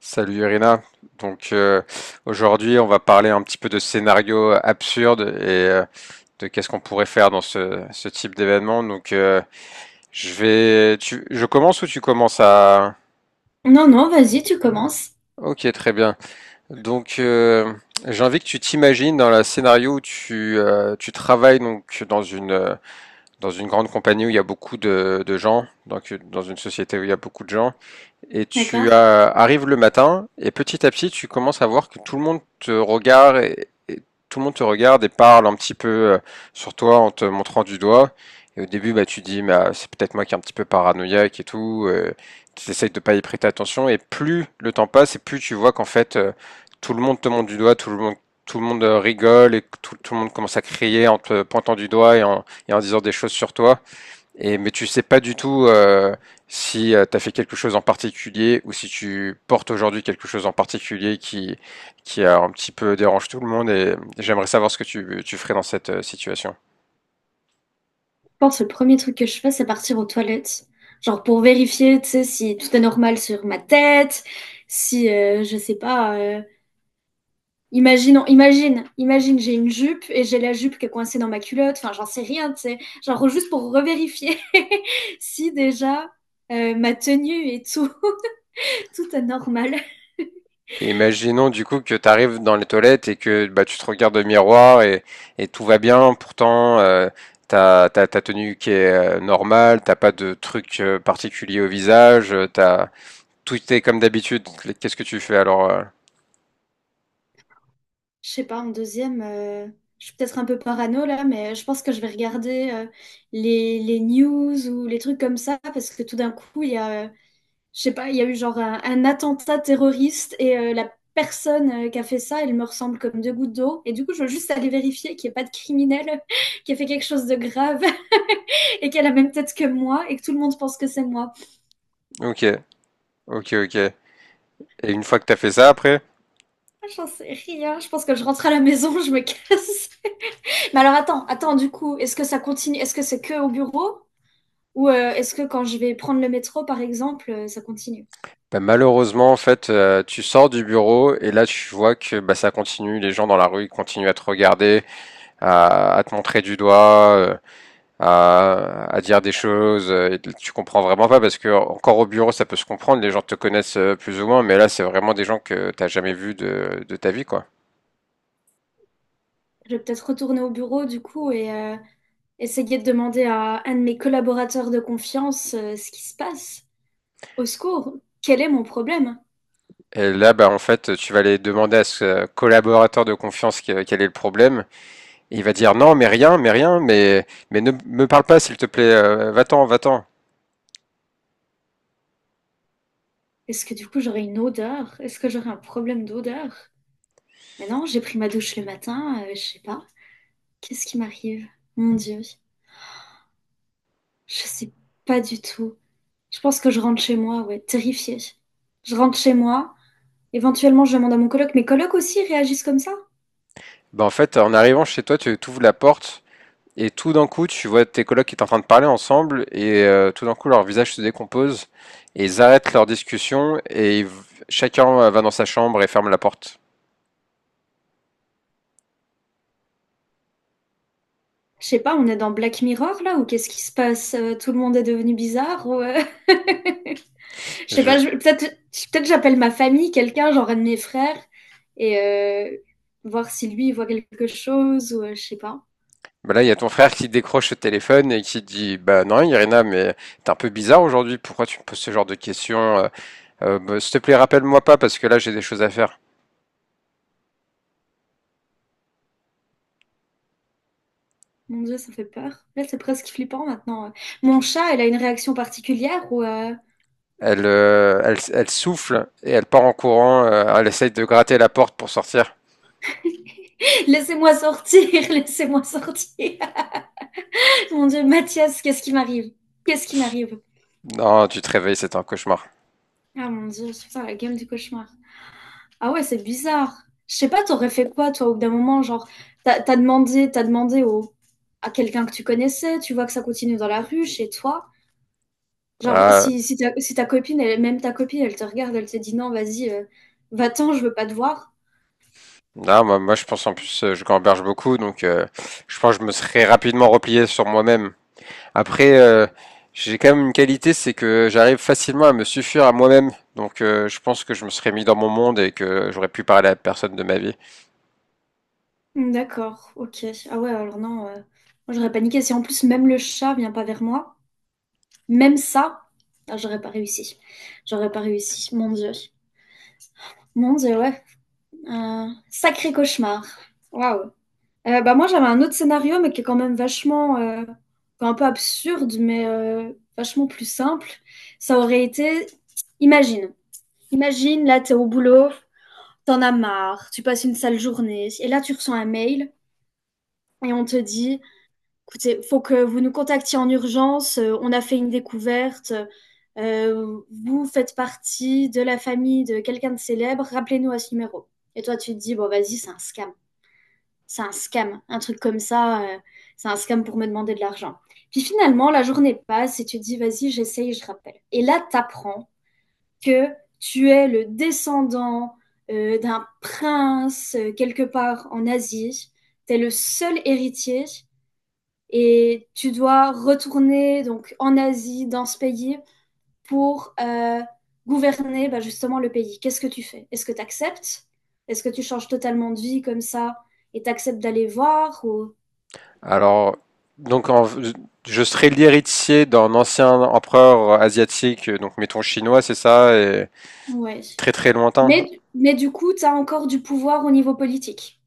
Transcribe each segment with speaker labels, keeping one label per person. Speaker 1: Salut Irina. Donc euh, Aujourd'hui, on va parler un petit peu de scénarios absurdes et de qu'est-ce qu'on pourrait faire dans ce type d'événement. Je vais, tu, je commence ou tu commences à...
Speaker 2: Non, non, vas-y, tu commences.
Speaker 1: Ok, très bien. Donc euh, j'ai envie que tu t'imagines dans le scénario où tu, tu travailles donc dans une grande compagnie où il y a beaucoup de gens, donc dans une société où il y a beaucoup de gens, et tu
Speaker 2: D'accord?
Speaker 1: arrives le matin et petit à petit tu commences à voir que tout le monde te regarde et tout le monde te regarde et parle un petit peu sur toi en te montrant du doigt. Et au début, bah, tu dis, bah, c'est peut-être moi qui est un petit peu paranoïaque et tout. Tu essayes de pas y prêter attention. Et plus le temps passe, et plus tu vois qu'en fait, tout le monde te montre du doigt, tout le monde rigole et tout, tout le monde commence à crier en te pointant du doigt et en disant des choses sur toi. Et mais tu sais pas du tout si tu as fait quelque chose en particulier ou si tu portes aujourd'hui quelque chose en particulier qui a un petit peu dérange tout le monde. Et j'aimerais savoir ce que tu ferais dans cette situation.
Speaker 2: Je pense que le premier truc que je fais, c'est partir aux toilettes. Genre pour vérifier, tu sais, si tout est normal sur ma tête, si, je sais pas, imagine, j'ai une jupe et j'ai la jupe qui est coincée dans ma culotte, enfin, j'en sais rien, tu sais. Genre juste pour revérifier si déjà ma tenue et tout, tout est normal.
Speaker 1: Et imaginons du coup que tu arrives dans les toilettes et que bah tu te regardes au miroir et tout va bien. Pourtant t'as ta tenue qui est normale, t'as pas de truc particulier au visage, t'as tout est comme d'habitude. Qu'est-ce que tu fais alors
Speaker 2: Je sais pas, en deuxième, je suis peut-être un peu parano là, mais je pense que je vais regarder les news ou les trucs comme ça, parce que tout d'un coup, il y a, je sais pas, il y a eu genre un attentat terroriste et la personne qui a fait ça, elle me ressemble comme deux gouttes d'eau. Et du coup, je veux juste aller vérifier qu'il n'y ait pas de criminel qui a fait quelque chose de grave et qu'elle a la même tête que moi et que tout le monde pense que c'est moi.
Speaker 1: Ok, Ok, ok. Et une fois que t'as fait ça, après,
Speaker 2: Ah, j'en sais rien, je pense que je rentre à la maison, je me casse. Mais alors attends, attends, du coup, est-ce que ça continue? Est-ce que c'est que au bureau? Ou est-ce que quand je vais prendre le métro, par exemple, ça continue?
Speaker 1: bah, malheureusement, en fait, tu sors du bureau et là, tu vois que bah, ça continue. Les gens dans la rue ils continuent à te regarder, à te montrer du doigt, à dire des choses. Et tu comprends vraiment pas parce que encore au bureau, ça peut se comprendre. Les gens te connaissent plus ou moins, mais là, c'est vraiment des gens que t'as jamais vus de ta vie, quoi.
Speaker 2: Je vais peut-être retourner au bureau du coup et essayer de demander à un de mes collaborateurs de confiance ce qui se passe. Au secours, quel est mon problème?
Speaker 1: Et là, bah, en fait, tu vas aller demander à ce collaborateur de confiance quel est le problème. Et il va dire non, mais rien, mais rien, mais ne me parle pas, s'il te plaît, va-t'en, va-t'en.
Speaker 2: Est-ce que du coup j'aurai une odeur? Est-ce que j'aurai un problème d'odeur? Mais non, j'ai pris ma douche le matin, je sais pas. Qu'est-ce qui m'arrive? Mon Dieu, je sais pas du tout. Je pense que je rentre chez moi, ouais, terrifiée. Je rentre chez moi. Éventuellement, je demande à mon coloc. Mes colocs aussi réagissent comme ça?
Speaker 1: Ben, en fait, en arrivant chez toi, tu ouvres la porte et tout d'un coup, tu vois tes colocs qui sont en train de parler ensemble et tout d'un coup, leur visage se décompose et ils arrêtent leur discussion chacun va dans sa chambre et ferme la porte.
Speaker 2: Je sais pas, on est dans Black Mirror là ou qu'est-ce qui se passe? Tout le monde est devenu bizarre? Je sais pas,
Speaker 1: Je-
Speaker 2: peut-être j'appelle ma famille, quelqu'un, genre un de mes frères, et voir si lui il voit quelque chose ou je sais pas.
Speaker 1: ben là, il y a ton frère qui décroche le téléphone et qui dit bah non, Irina, mais t'es un peu bizarre aujourd'hui, pourquoi tu me poses ce genre de questions. Bah, s'il te plaît, rappelle-moi pas parce que là, j'ai des choses à faire.
Speaker 2: Mon Dieu, ça fait peur. Là, c'est presque flippant maintenant. Mon chat, elle a une réaction particulière ou
Speaker 1: Elle, elle souffle et elle part en courant. Elle essaye de gratter la porte pour sortir.
Speaker 2: laissez-moi sortir, laissez-moi sortir. Mon Dieu, Mathias, qu'est-ce qui m'arrive? Qu'est-ce qui m'arrive?
Speaker 1: Non, tu te réveilles, c'est un cauchemar.
Speaker 2: Ah mon Dieu, putain, la gueule du cauchemar. Ah ouais, c'est bizarre. Je sais pas, t'aurais fait quoi, toi, au bout d'un moment, genre, t'as demandé à quelqu'un que tu connaissais, tu vois que ça continue dans la rue, chez toi. Genre,
Speaker 1: Ah,
Speaker 2: si ta copine, elle même ta copine, elle te regarde, elle te dit: «Non, vas-y, va-t'en, je veux pas te voir».
Speaker 1: non, moi, je pense en plus, je gamberge beaucoup, donc je pense que je me serais rapidement replié sur moi-même. Après, j'ai quand même une qualité, c'est que j'arrive facilement à me suffire à moi-même. Donc je pense que je me serais mis dans mon monde et que j'aurais pu parler à personne de ma vie.
Speaker 2: Mmh, d'accord, OK. Ah ouais, alors non, moi j'aurais paniqué. Si en plus même le chat vient pas vers moi, même ça, ah j'aurais pas réussi. J'aurais pas réussi, mon Dieu. Mon Dieu, ouais. Un sacré cauchemar. Waouh. Bah, moi, j'avais un autre scénario, mais qui est quand même vachement, enfin, un peu absurde, mais vachement plus simple. Ça aurait été imagine imagine, là, t'es au boulot, t'en as marre, tu passes une sale journée, et là, tu reçois un mail et on te dit, écoutez, faut que vous nous contactiez en urgence, on a fait une découverte, vous faites partie de la famille de quelqu'un de célèbre, rappelez-nous à ce numéro. Et toi, tu te dis, bon, vas-y, c'est un scam, un truc comme ça, c'est un scam pour me demander de l'argent. Puis finalement, la journée passe et tu te dis, vas-y, j'essaye, je rappelle. Et là, t'apprends que tu es le descendant d'un prince quelque part en Asie. Tu es le seul héritier et tu dois retourner donc en Asie, dans ce pays, pour gouverner bah, justement le pays. Qu'est-ce que tu fais? Est-ce que tu acceptes? Est-ce que tu changes totalement de vie comme ça et t'acceptes d'aller voir ou...
Speaker 1: Alors, donc en- je serais l'héritier d'un ancien empereur asiatique, donc mettons chinois, c'est ça, et
Speaker 2: Ouais.
Speaker 1: très très lointain.
Speaker 2: Mais, mais du coup, tu as encore du pouvoir au niveau politique.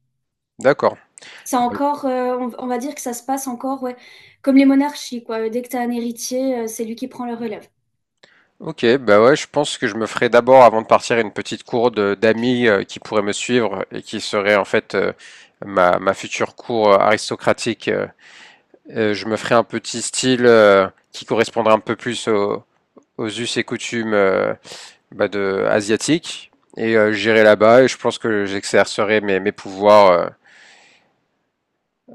Speaker 1: D'accord.
Speaker 2: C'est
Speaker 1: Bah,
Speaker 2: encore, on va dire que ça se passe encore, ouais, comme les monarchies, quoi. Dès que tu as un héritier, c'est lui qui prend le relève.
Speaker 1: Ok, bah ouais, je pense que je me ferai d'abord, avant de partir, une petite cour d'amis qui pourraient me suivre et qui serait en fait ma future cour aristocratique. Je me ferai un petit style qui correspondrait un peu plus aux us et coutumes bah, de, asiatiques. Et j'irai là-bas et je pense que j'exercerai mes pouvoirs euh,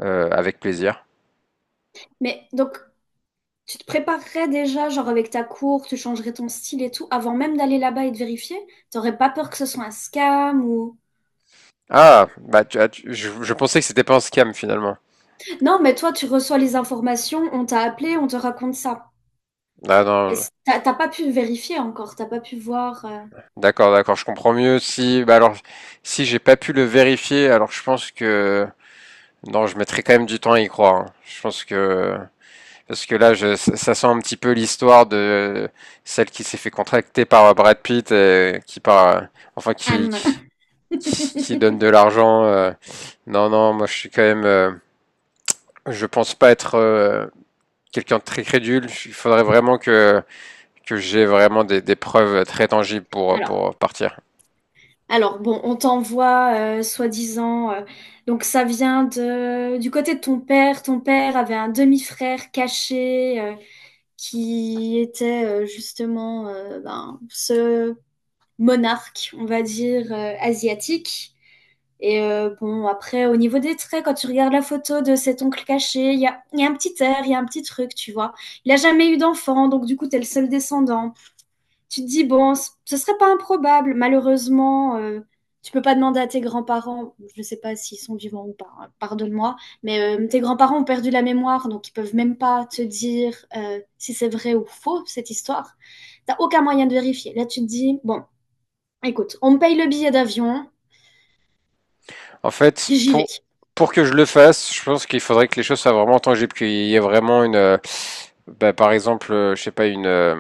Speaker 1: euh, avec plaisir.
Speaker 2: Mais donc, tu te préparerais déjà, genre avec ta cour, tu changerais ton style et tout, avant même d'aller là-bas et de vérifier? T'aurais pas peur que ce soit un scam ou...
Speaker 1: Ah, je pensais que c'était pas un scam finalement.
Speaker 2: Non, mais toi, tu reçois les informations, on t'a appelé, on te raconte ça.
Speaker 1: Ah non,
Speaker 2: T'as pas pu vérifier encore, t'as pas pu voir
Speaker 1: d'accord, d'accord, je comprends mieux. Si, bah alors, si j'ai pas pu le vérifier, alors je pense que non, je mettrai quand même du temps à y croire, hein. Je pense que parce que là, je, ça sent un petit peu l'histoire de celle qui s'est fait contracter par Brad Pitt enfin, qui qui,
Speaker 2: Anne.
Speaker 1: qui- qui donne de l'argent. Non, non, moi, je suis quand même, je pense pas être quelqu'un de très crédule. Il faudrait vraiment que j'ai vraiment des preuves très tangibles pour
Speaker 2: Alors.
Speaker 1: pour partir.
Speaker 2: Alors bon, on t'envoie soi-disant. Donc ça vient de du côté de ton père. Ton père avait un demi-frère caché qui était justement ben, ce monarque, on va dire asiatique. Et bon, après au niveau des traits, quand tu regardes la photo de cet oncle caché, il y a un petit air, il y a un petit truc, tu vois. Il a jamais eu d'enfant, donc du coup t'es le seul descendant, tu te dis, bon, ce serait pas improbable. Malheureusement, tu peux pas demander à tes grands-parents, je ne sais pas s'ils sont vivants ou pas, hein, pardonne-moi, mais tes grands-parents ont perdu la mémoire, donc ils peuvent même pas te dire si c'est vrai ou faux, cette histoire. T'as aucun moyen de vérifier. Là, tu te dis, bon, écoute, on me paye le billet d'avion,
Speaker 1: En fait,
Speaker 2: j'y vais.
Speaker 1: pour, pour que je le fasse, je pense qu'il faudrait que les choses soient vraiment tangibles, qu'il y ait vraiment une, bah, par exemple, je sais pas, une,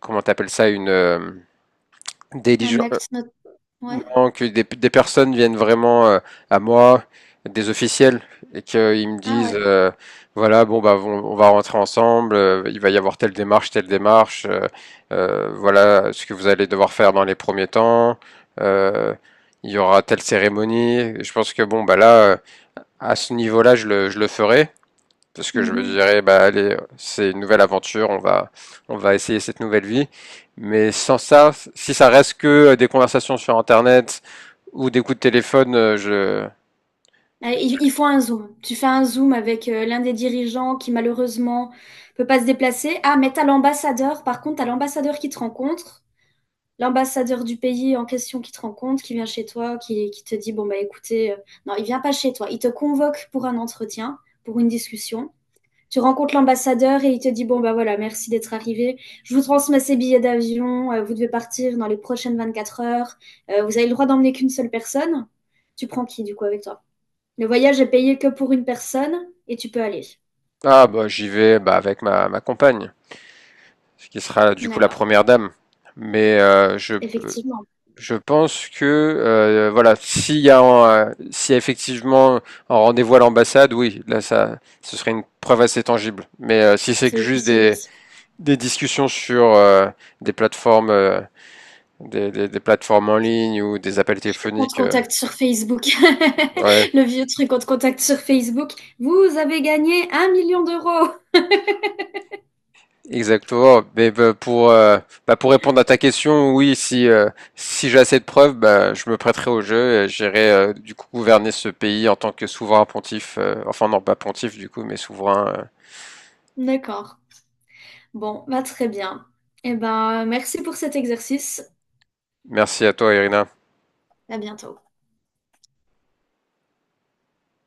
Speaker 1: comment t'appelles ça, une
Speaker 2: Un
Speaker 1: diligence,
Speaker 2: acte not... Ouais.
Speaker 1: non, que des personnes viennent vraiment à moi, des officiels, et qu'ils me
Speaker 2: Ah ouais.
Speaker 1: disent, voilà, bon bah, on va rentrer ensemble, il va y avoir telle démarche, voilà ce que vous allez devoir faire dans les premiers temps, euh, il y aura telle cérémonie. Je pense que bon bah là, à ce niveau-là, je le ferai, parce que je me
Speaker 2: Mhm.
Speaker 1: dirais, bah allez, c'est une nouvelle aventure, on va essayer cette nouvelle vie. Mais sans ça, si ça reste que des conversations sur Internet ou des coups de téléphone, je,
Speaker 2: Il faut un zoom. Tu fais un zoom avec l'un des dirigeants qui malheureusement peut pas se déplacer. Ah, mais t'as l'ambassadeur. Par contre, t'as l'ambassadeur qui te rencontre, l'ambassadeur du pays en question qui te rencontre, qui vient chez toi, qui te dit, bon, bah écoutez, non, il vient pas chez toi. Il te convoque pour un entretien, pour une discussion. Tu rencontres l'ambassadeur et il te dit, bon, bah voilà, merci d'être arrivé. Je vous transmets ces billets d'avion. Vous devez partir dans les prochaines 24 heures. Vous avez le droit d'emmener qu'une seule personne. Tu prends qui du coup avec toi? Le voyage est payé que pour une personne et tu peux aller.
Speaker 1: ah bah j'y vais, bah avec ma compagne, ce qui sera du coup la
Speaker 2: D'accord.
Speaker 1: première dame. Mais
Speaker 2: Effectivement,
Speaker 1: je pense que voilà, s'il y a, s'il y a effectivement un rendez-vous à l'ambassade, oui, là ça, ce serait une preuve assez tangible. Mais si c'est
Speaker 2: ça
Speaker 1: que juste
Speaker 2: officialise.
Speaker 1: des discussions sur des plateformes, des plateformes en ligne ou des appels
Speaker 2: On te
Speaker 1: téléphoniques.
Speaker 2: contacte sur Facebook.
Speaker 1: Ouais,
Speaker 2: Le vieux truc, on te contacte sur Facebook. Vous avez gagné un million d'euros.
Speaker 1: exactement. Mais bah, pour répondre à ta question, oui, si si j'ai assez de preuves, bah, je me prêterai au jeu et j'irai du coup gouverner ce pays en tant que souverain pontife. Euh, enfin non, pas pontife du coup, mais souverain.
Speaker 2: D'accord. Bon, bah très bien. Eh ben, merci pour cet exercice.
Speaker 1: Merci à toi, Irina.
Speaker 2: À bientôt.